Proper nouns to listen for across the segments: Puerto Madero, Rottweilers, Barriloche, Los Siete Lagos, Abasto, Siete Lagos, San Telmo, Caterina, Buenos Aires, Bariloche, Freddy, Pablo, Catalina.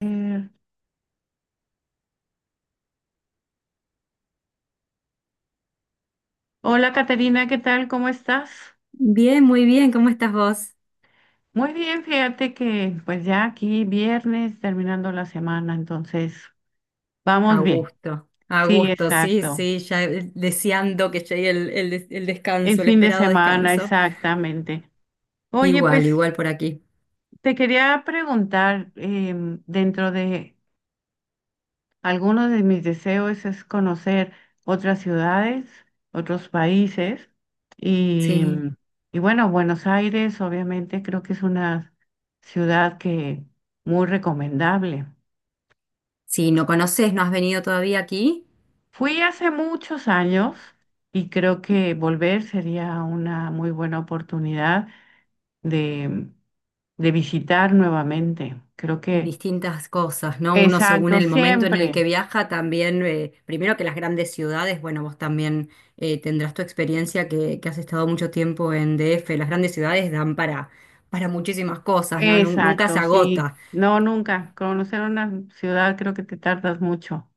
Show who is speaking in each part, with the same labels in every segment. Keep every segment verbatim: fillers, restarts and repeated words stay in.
Speaker 1: Eh, hola Caterina, ¿qué tal? ¿Cómo estás?
Speaker 2: Bien, muy bien, ¿cómo estás vos?
Speaker 1: Muy bien, fíjate que pues ya aquí viernes terminando la semana, entonces
Speaker 2: A
Speaker 1: vamos bien.
Speaker 2: gusto, a
Speaker 1: Sí,
Speaker 2: gusto, sí,
Speaker 1: exacto.
Speaker 2: sí, ya eh, deseando que llegue el, el des- el
Speaker 1: El
Speaker 2: descanso, el
Speaker 1: fin de
Speaker 2: esperado
Speaker 1: semana,
Speaker 2: descanso.
Speaker 1: exactamente. Oye, pues
Speaker 2: Igual, igual por aquí.
Speaker 1: te quería preguntar, em, dentro de algunos de mis deseos es conocer otras ciudades, otros países y,
Speaker 2: Sí,
Speaker 1: y bueno, Buenos Aires obviamente creo que es una ciudad que muy recomendable.
Speaker 2: sí, no conoces, no has venido todavía aquí
Speaker 1: Fui hace muchos años y creo que volver sería una muy buena oportunidad de, de visitar nuevamente. Creo
Speaker 2: y
Speaker 1: que,
Speaker 2: distintas cosas, ¿no? Uno según
Speaker 1: exacto,
Speaker 2: el momento en el
Speaker 1: siempre.
Speaker 2: que viaja también, eh, primero que las grandes ciudades, bueno, vos también eh, tendrás tu experiencia que, que has estado mucho tiempo en D F. Las grandes ciudades dan para, para muchísimas cosas, ¿no? Nun- Nunca se
Speaker 1: Exacto, sí.
Speaker 2: agota.
Speaker 1: No, nunca. Conocer una ciudad creo que te tardas mucho.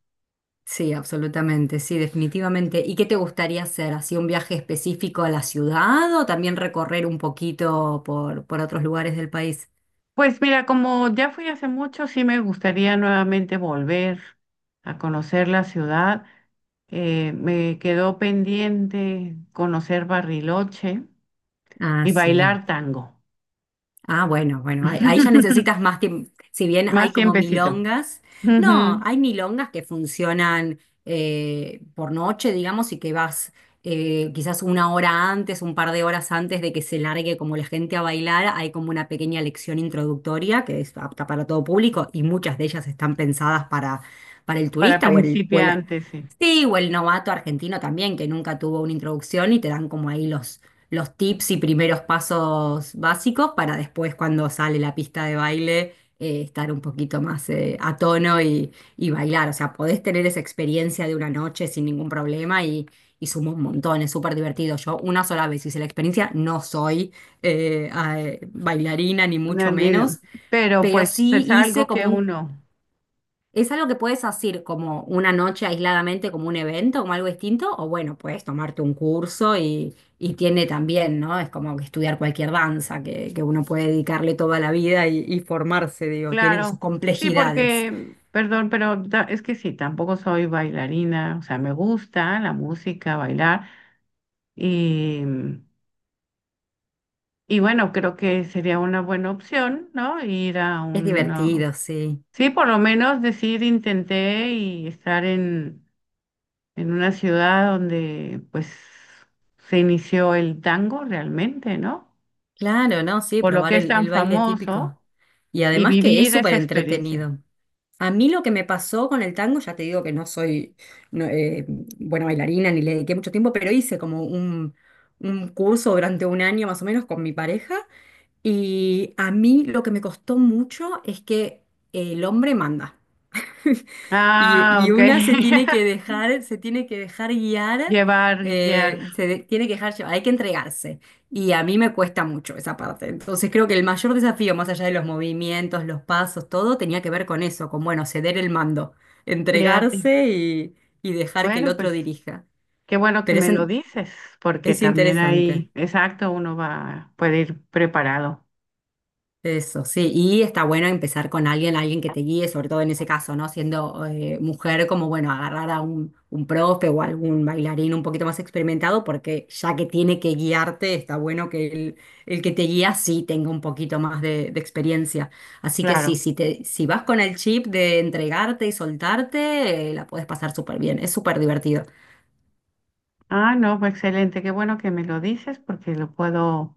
Speaker 2: Sí, absolutamente, sí, definitivamente. ¿Y qué te gustaría hacer? ¿Así un viaje específico a la ciudad o también recorrer un poquito por, por otros lugares del país?
Speaker 1: Pues mira, como ya fui hace mucho, sí me gustaría nuevamente volver a conocer la ciudad. Eh, me quedó pendiente conocer Barriloche
Speaker 2: Ah,
Speaker 1: y
Speaker 2: sí.
Speaker 1: bailar tango.
Speaker 2: Ah, bueno, bueno, ahí, ahí ya necesitas más tiempo. Si bien
Speaker 1: Más
Speaker 2: hay como
Speaker 1: tiempecito.
Speaker 2: milongas, no,
Speaker 1: Ujú,
Speaker 2: hay milongas que funcionan eh, por noche, digamos, y que vas eh, quizás una hora antes, un par de horas antes de que se largue como la gente a bailar. Hay como una pequeña lección introductoria que es apta para todo público y muchas de ellas están pensadas para, para el
Speaker 1: para
Speaker 2: turista o el, o el
Speaker 1: principiantes, sí.
Speaker 2: Sí, o el novato argentino también, que nunca tuvo una introducción y te dan como ahí los, los tips y primeros pasos básicos para después cuando sale la pista de baile eh, estar un poquito más eh, a tono y, y bailar. O sea, podés tener esa experiencia de una noche sin ningún problema y, y suma un montón, es súper divertido. Yo una sola vez hice la experiencia, no soy eh, ah, eh, bailarina ni
Speaker 1: No,
Speaker 2: mucho
Speaker 1: no, no.
Speaker 2: menos,
Speaker 1: Pero
Speaker 2: pero
Speaker 1: pues
Speaker 2: sí
Speaker 1: es
Speaker 2: hice
Speaker 1: algo
Speaker 2: como
Speaker 1: que
Speaker 2: un.
Speaker 1: uno
Speaker 2: ¿Es algo que puedes hacer como una noche aisladamente, como un evento, como algo distinto? O bueno, puedes tomarte un curso y, y tiene también, ¿no? Es como que estudiar cualquier danza, que, que uno puede dedicarle toda la vida y, y formarse, digo, tiene sus
Speaker 1: claro, sí,
Speaker 2: complejidades.
Speaker 1: porque, perdón, pero ta- es que sí, tampoco soy bailarina, o sea, me gusta la música, bailar, y, y bueno, creo que sería una buena opción, ¿no? Ir a
Speaker 2: Es
Speaker 1: un,
Speaker 2: divertido, sí.
Speaker 1: sí, por lo menos decir, intenté y estar en, en una ciudad donde pues se inició el tango realmente, ¿no?
Speaker 2: Claro, ¿no? Sí,
Speaker 1: Por lo que
Speaker 2: probar
Speaker 1: es
Speaker 2: el,
Speaker 1: tan
Speaker 2: el baile típico.
Speaker 1: famoso
Speaker 2: Y
Speaker 1: y
Speaker 2: además que es
Speaker 1: vivir
Speaker 2: súper
Speaker 1: esa experiencia.
Speaker 2: entretenido. A mí lo que me pasó con el tango, ya te digo que no soy, no, eh, buena bailarina ni le dediqué mucho tiempo, pero hice como un, un curso durante un año más o menos con mi pareja y a mí lo que me costó mucho es que el hombre manda. Y,
Speaker 1: Ah,
Speaker 2: y
Speaker 1: ok.
Speaker 2: una se tiene que dejar, se tiene que dejar guiar,
Speaker 1: Llevar, guiar.
Speaker 2: eh, se de- tiene que dejar llevar, hay que entregarse. Y a mí me cuesta mucho esa parte. Entonces creo que el mayor desafío, más allá de los movimientos, los pasos, todo, tenía que ver con eso, con, bueno, ceder el mando,
Speaker 1: Fíjate,
Speaker 2: entregarse y, y dejar que el
Speaker 1: bueno, pues
Speaker 2: otro dirija.
Speaker 1: qué bueno que
Speaker 2: Pero es,
Speaker 1: me lo
Speaker 2: en-
Speaker 1: dices, porque
Speaker 2: es
Speaker 1: también
Speaker 2: interesante.
Speaker 1: ahí, exacto, uno va, puede ir preparado,
Speaker 2: Eso, sí, y está bueno empezar con alguien, alguien que te guíe, sobre todo en ese caso, ¿no? Siendo eh, mujer, como bueno, agarrar a un, un profe o algún bailarín un poquito más experimentado, porque ya que tiene que guiarte, está bueno que el, el que te guía sí tenga un poquito más de, de experiencia. Así que
Speaker 1: claro.
Speaker 2: sí, si te, si vas con el chip de entregarte y soltarte, eh, la puedes pasar súper bien, es súper divertido.
Speaker 1: Ah, no, pues excelente, qué bueno que me lo dices, porque lo puedo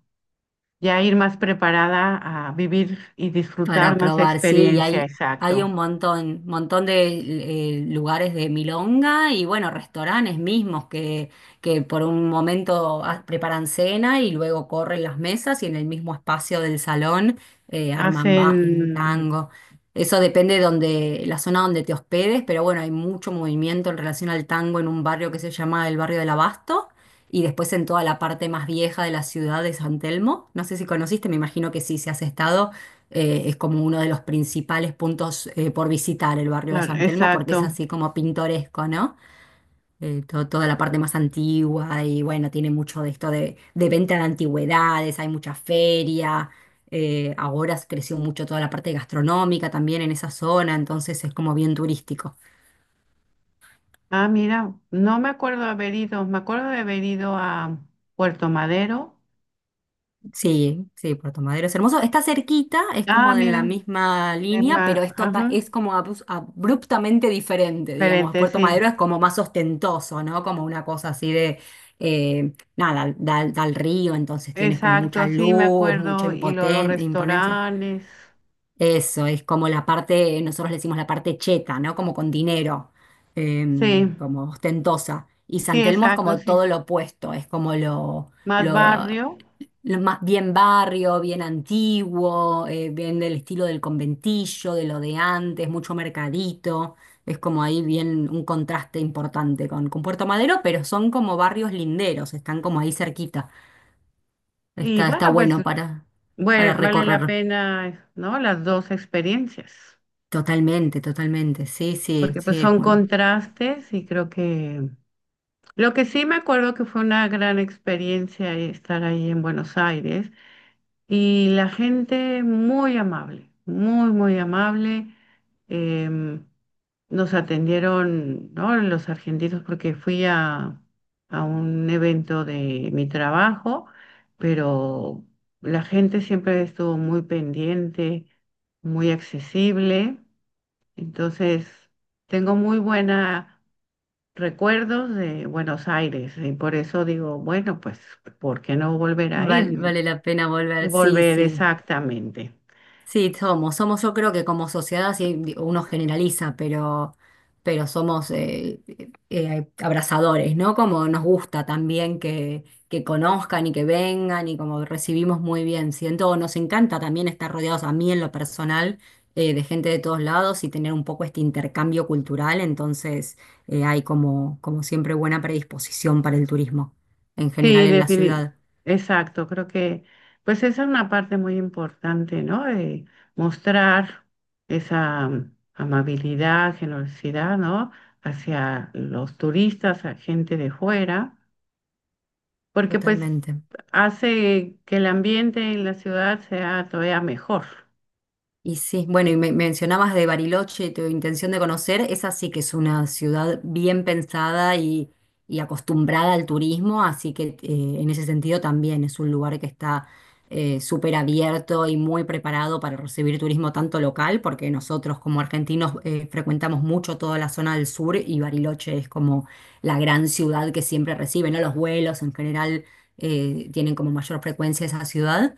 Speaker 1: ya ir más preparada a vivir y
Speaker 2: Para
Speaker 1: disfrutar más la
Speaker 2: probar, sí, y
Speaker 1: experiencia,
Speaker 2: hay, hay
Speaker 1: exacto.
Speaker 2: un montón, montón de eh, lugares de milonga y bueno, restaurantes mismos que, que por un momento ah, preparan cena y luego corren las mesas y en el mismo espacio del salón eh, arman ba- eh,
Speaker 1: Hacen,
Speaker 2: tango. Eso depende de donde, la zona donde te hospedes, pero bueno, hay mucho movimiento en relación al tango en un barrio que se llama el barrio del Abasto y después en toda la parte más vieja de la ciudad de San Telmo. No sé si conociste, me imagino que sí, si has estado eh, es como uno de los principales puntos eh, por visitar el barrio de
Speaker 1: claro,
Speaker 2: San Telmo porque es
Speaker 1: exacto.
Speaker 2: así como pintoresco, ¿no? Eh, to- toda la parte más antigua y bueno, tiene mucho de esto de, de venta de antigüedades, hay mucha feria, eh, ahora creció mucho toda la parte gastronómica también en esa zona, entonces es como bien turístico.
Speaker 1: Ah, mira, no me acuerdo de haber ido, me acuerdo de haber ido a Puerto Madero.
Speaker 2: Sí, sí, Puerto Madero es hermoso. Está cerquita, es
Speaker 1: Ah,
Speaker 2: como de la
Speaker 1: mira,
Speaker 2: misma
Speaker 1: de
Speaker 2: línea,
Speaker 1: ma-
Speaker 2: pero es, tota-
Speaker 1: ajá,
Speaker 2: es como abus- abruptamente diferente, digamos.
Speaker 1: diferente,
Speaker 2: Puerto
Speaker 1: sí.
Speaker 2: Madero es como más ostentoso, ¿no? Como una cosa así de, eh, nada, da, da al río, entonces tienes como mucha
Speaker 1: Exacto, sí, me
Speaker 2: luz, mucha
Speaker 1: acuerdo. Y luego los
Speaker 2: impoten- imponencia.
Speaker 1: restaurantes.
Speaker 2: Eso es como la parte, nosotros le decimos la parte cheta, ¿no? Como con dinero,
Speaker 1: Sí,
Speaker 2: em, como ostentosa. Y
Speaker 1: sí,
Speaker 2: San Telmo es
Speaker 1: exacto,
Speaker 2: como
Speaker 1: sí.
Speaker 2: todo lo opuesto, es como lo,
Speaker 1: Más
Speaker 2: lo,
Speaker 1: barrio.
Speaker 2: lo más bien barrio, bien antiguo, eh, bien del estilo del conventillo, de lo de antes, mucho mercadito. Es como ahí bien un contraste importante con, con Puerto Madero, pero son como barrios linderos, están como ahí cerquita.
Speaker 1: Y
Speaker 2: Está, está
Speaker 1: bueno, pues
Speaker 2: bueno para, para
Speaker 1: bue- vale la
Speaker 2: recorrer.
Speaker 1: pena, ¿no? Las dos experiencias,
Speaker 2: Totalmente, totalmente. Sí, sí,
Speaker 1: porque pues
Speaker 2: sí.
Speaker 1: son
Speaker 2: Bueno,
Speaker 1: contrastes y creo que lo que sí me acuerdo que fue una gran experiencia estar ahí en Buenos Aires y la gente muy amable, muy, muy amable. em, nos atendieron, ¿no? Los argentinos, porque fui a, a un evento de mi trabajo, pero la gente siempre estuvo muy pendiente, muy accesible. Entonces, tengo muy buenos recuerdos de Buenos Aires y por eso digo, bueno, pues, ¿por qué no volver a
Speaker 2: val-
Speaker 1: ir?
Speaker 2: vale la pena volver. Sí,
Speaker 1: Volver
Speaker 2: sí.
Speaker 1: exactamente.
Speaker 2: Sí, somos, somos yo creo que como sociedad sí, di- uno generaliza, pero, pero somos eh, eh, abrazadores, ¿no? Como nos gusta también que, que conozcan y que vengan y como recibimos muy bien. Siento, nos encanta también estar rodeados a mí en lo personal eh, de gente de todos lados y tener un poco este intercambio cultural, entonces eh, hay como, como siempre buena predisposición para el turismo en general
Speaker 1: Sí,
Speaker 2: en la
Speaker 1: definitivamente.
Speaker 2: ciudad.
Speaker 1: Exacto, creo que pues esa es una parte muy importante, ¿no? Eh, mostrar esa mm, amabilidad, generosidad, ¿no? Hacia los turistas, a gente de fuera, porque pues
Speaker 2: Totalmente.
Speaker 1: hace que el ambiente en la ciudad sea todavía mejor.
Speaker 2: Y sí, bueno, y me mencionabas de Bariloche, tu intención de conocer, esa sí que es una ciudad bien pensada y, y acostumbrada al turismo, así que eh, en ese sentido también es un lugar que está eh, súper abierto y muy preparado para recibir turismo tanto local, porque nosotros como argentinos eh, frecuentamos mucho toda la zona del sur y Bariloche es como la gran ciudad que siempre recibe, ¿no? Los vuelos en general eh, tienen como mayor frecuencia esa ciudad,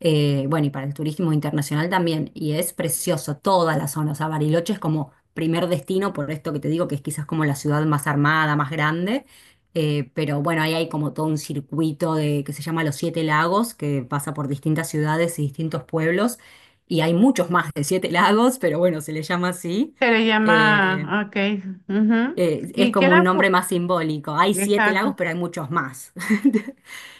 Speaker 2: eh, bueno, y para el turismo internacional también, y es precioso toda la zona. O sea, Bariloche es como primer destino, por esto que te digo que es quizás como la ciudad más armada, más grande, eh, pero bueno, ahí hay como todo un circuito de, que se llama Los Siete Lagos, que pasa por distintas ciudades y distintos pueblos, y hay muchos más de siete lagos, pero bueno, se le llama así,
Speaker 1: Se le
Speaker 2: eh,
Speaker 1: llama, ah, ok, ujú,
Speaker 2: eh, es
Speaker 1: y
Speaker 2: como
Speaker 1: queda,
Speaker 2: un
Speaker 1: fu-
Speaker 2: nombre más simbólico, hay siete lagos,
Speaker 1: exacto,
Speaker 2: pero hay muchos más.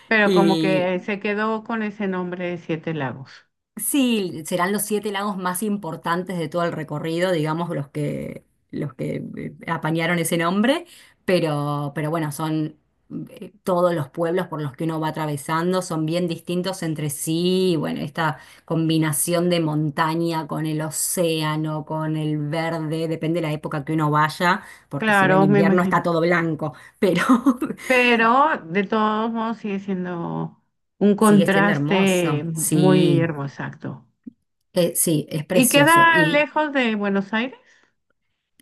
Speaker 1: pero como que
Speaker 2: Y,
Speaker 1: se quedó con ese nombre de Siete Lagos.
Speaker 2: Sí, serán los siete lagos más importantes de todo el recorrido, digamos, los que, los que eh, apañaron ese nombre, pero, pero bueno, son eh, todos los pueblos por los que uno va atravesando, son bien distintos entre sí, y bueno, esta combinación de montaña con el océano, con el verde, depende de la época que uno vaya, porque si va en
Speaker 1: Claro, me
Speaker 2: invierno
Speaker 1: imagino,
Speaker 2: está todo blanco, pero
Speaker 1: pero de todos modos sigue siendo un
Speaker 2: sigue siendo
Speaker 1: contraste
Speaker 2: hermoso,
Speaker 1: muy
Speaker 2: sí.
Speaker 1: hermoso. Exacto.
Speaker 2: Eh, sí, es
Speaker 1: ¿Y
Speaker 2: precioso.
Speaker 1: queda
Speaker 2: y
Speaker 1: lejos de Buenos Aires?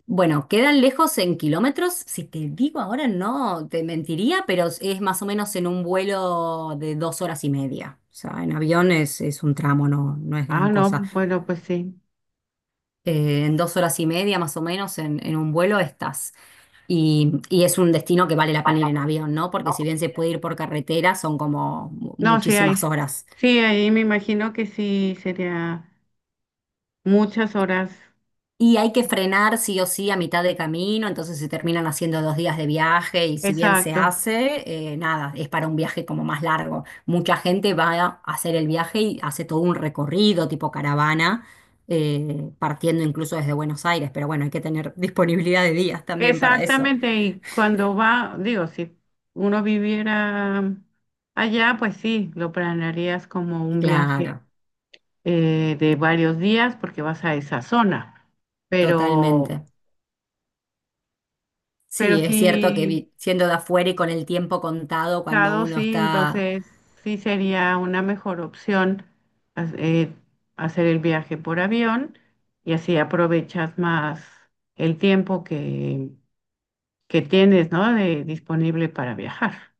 Speaker 2: Bueno, quedan lejos en kilómetros. Si te digo ahora no, te mentiría, pero es es más o menos en un vuelo de dos horas y media. O sea, en avión es, es un tramo, no, no es
Speaker 1: Ah,
Speaker 2: gran
Speaker 1: no,
Speaker 2: cosa.
Speaker 1: bueno, pues sí.
Speaker 2: Eh, en dos horas y media más o menos en, en un vuelo estás. Y, y es un destino que vale la pena ir en avión, ¿no? Porque si bien se puede ir por carretera, son como mu-
Speaker 1: No, sí hay.
Speaker 2: muchísimas horas.
Speaker 1: Sí, ahí me imagino que sí sería muchas horas.
Speaker 2: Y hay que frenar sí o sí a mitad de camino, entonces se terminan haciendo dos días de viaje y si bien se
Speaker 1: Exacto.
Speaker 2: hace, eh, nada, es para un viaje como más largo. Mucha gente va a hacer el viaje y hace todo un recorrido tipo caravana, eh, partiendo incluso desde Buenos Aires, pero bueno, hay que tener disponibilidad de días también para eso.
Speaker 1: Exactamente. Y cuando va, digo, si uno viviera allá, pues sí, lo planearías como un
Speaker 2: Claro,
Speaker 1: viaje eh, de varios días porque vas a esa zona. Pero
Speaker 2: totalmente.
Speaker 1: Pero
Speaker 2: Sí, es cierto que
Speaker 1: sí,
Speaker 2: vi- siendo de afuera y con el tiempo contado, cuando
Speaker 1: claro,
Speaker 2: uno
Speaker 1: sí,
Speaker 2: está.
Speaker 1: entonces sí sería una mejor opción ha- eh, hacer el viaje por avión y así aprovechas más el tiempo que, que tienes, ¿no? De, disponible para viajar.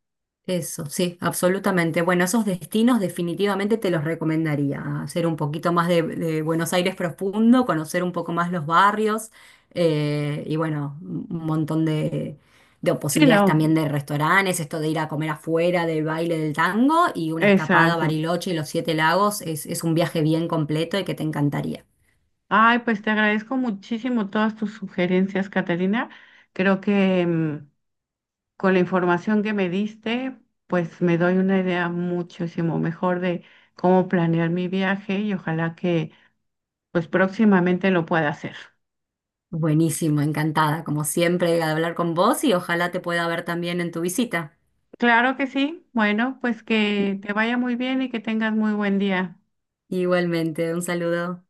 Speaker 2: Eso, sí, absolutamente. Bueno, esos destinos definitivamente te los recomendaría. Hacer un poquito más de, de Buenos Aires profundo, conocer un poco más los barrios eh, y bueno, un un montón de, de
Speaker 1: Sí,
Speaker 2: posibilidades
Speaker 1: no,
Speaker 2: también de restaurantes, esto de ir a comer afuera, del baile del tango y una escapada a
Speaker 1: exacto.
Speaker 2: Bariloche y los Siete Lagos es, es un viaje bien completo y que te encantaría.
Speaker 1: Ay, pues te agradezco muchísimo todas tus sugerencias, Catalina. Creo que mm, con la información que me diste, pues me doy una idea muchísimo mejor de cómo planear mi viaje y ojalá que pues próximamente lo pueda hacer.
Speaker 2: Buenísimo, encantada, como siempre, de hablar con vos y ojalá te pueda ver también en tu visita.
Speaker 1: Claro que sí. Bueno, pues que te vaya muy bien y que tengas muy buen día.
Speaker 2: Igualmente, un saludo.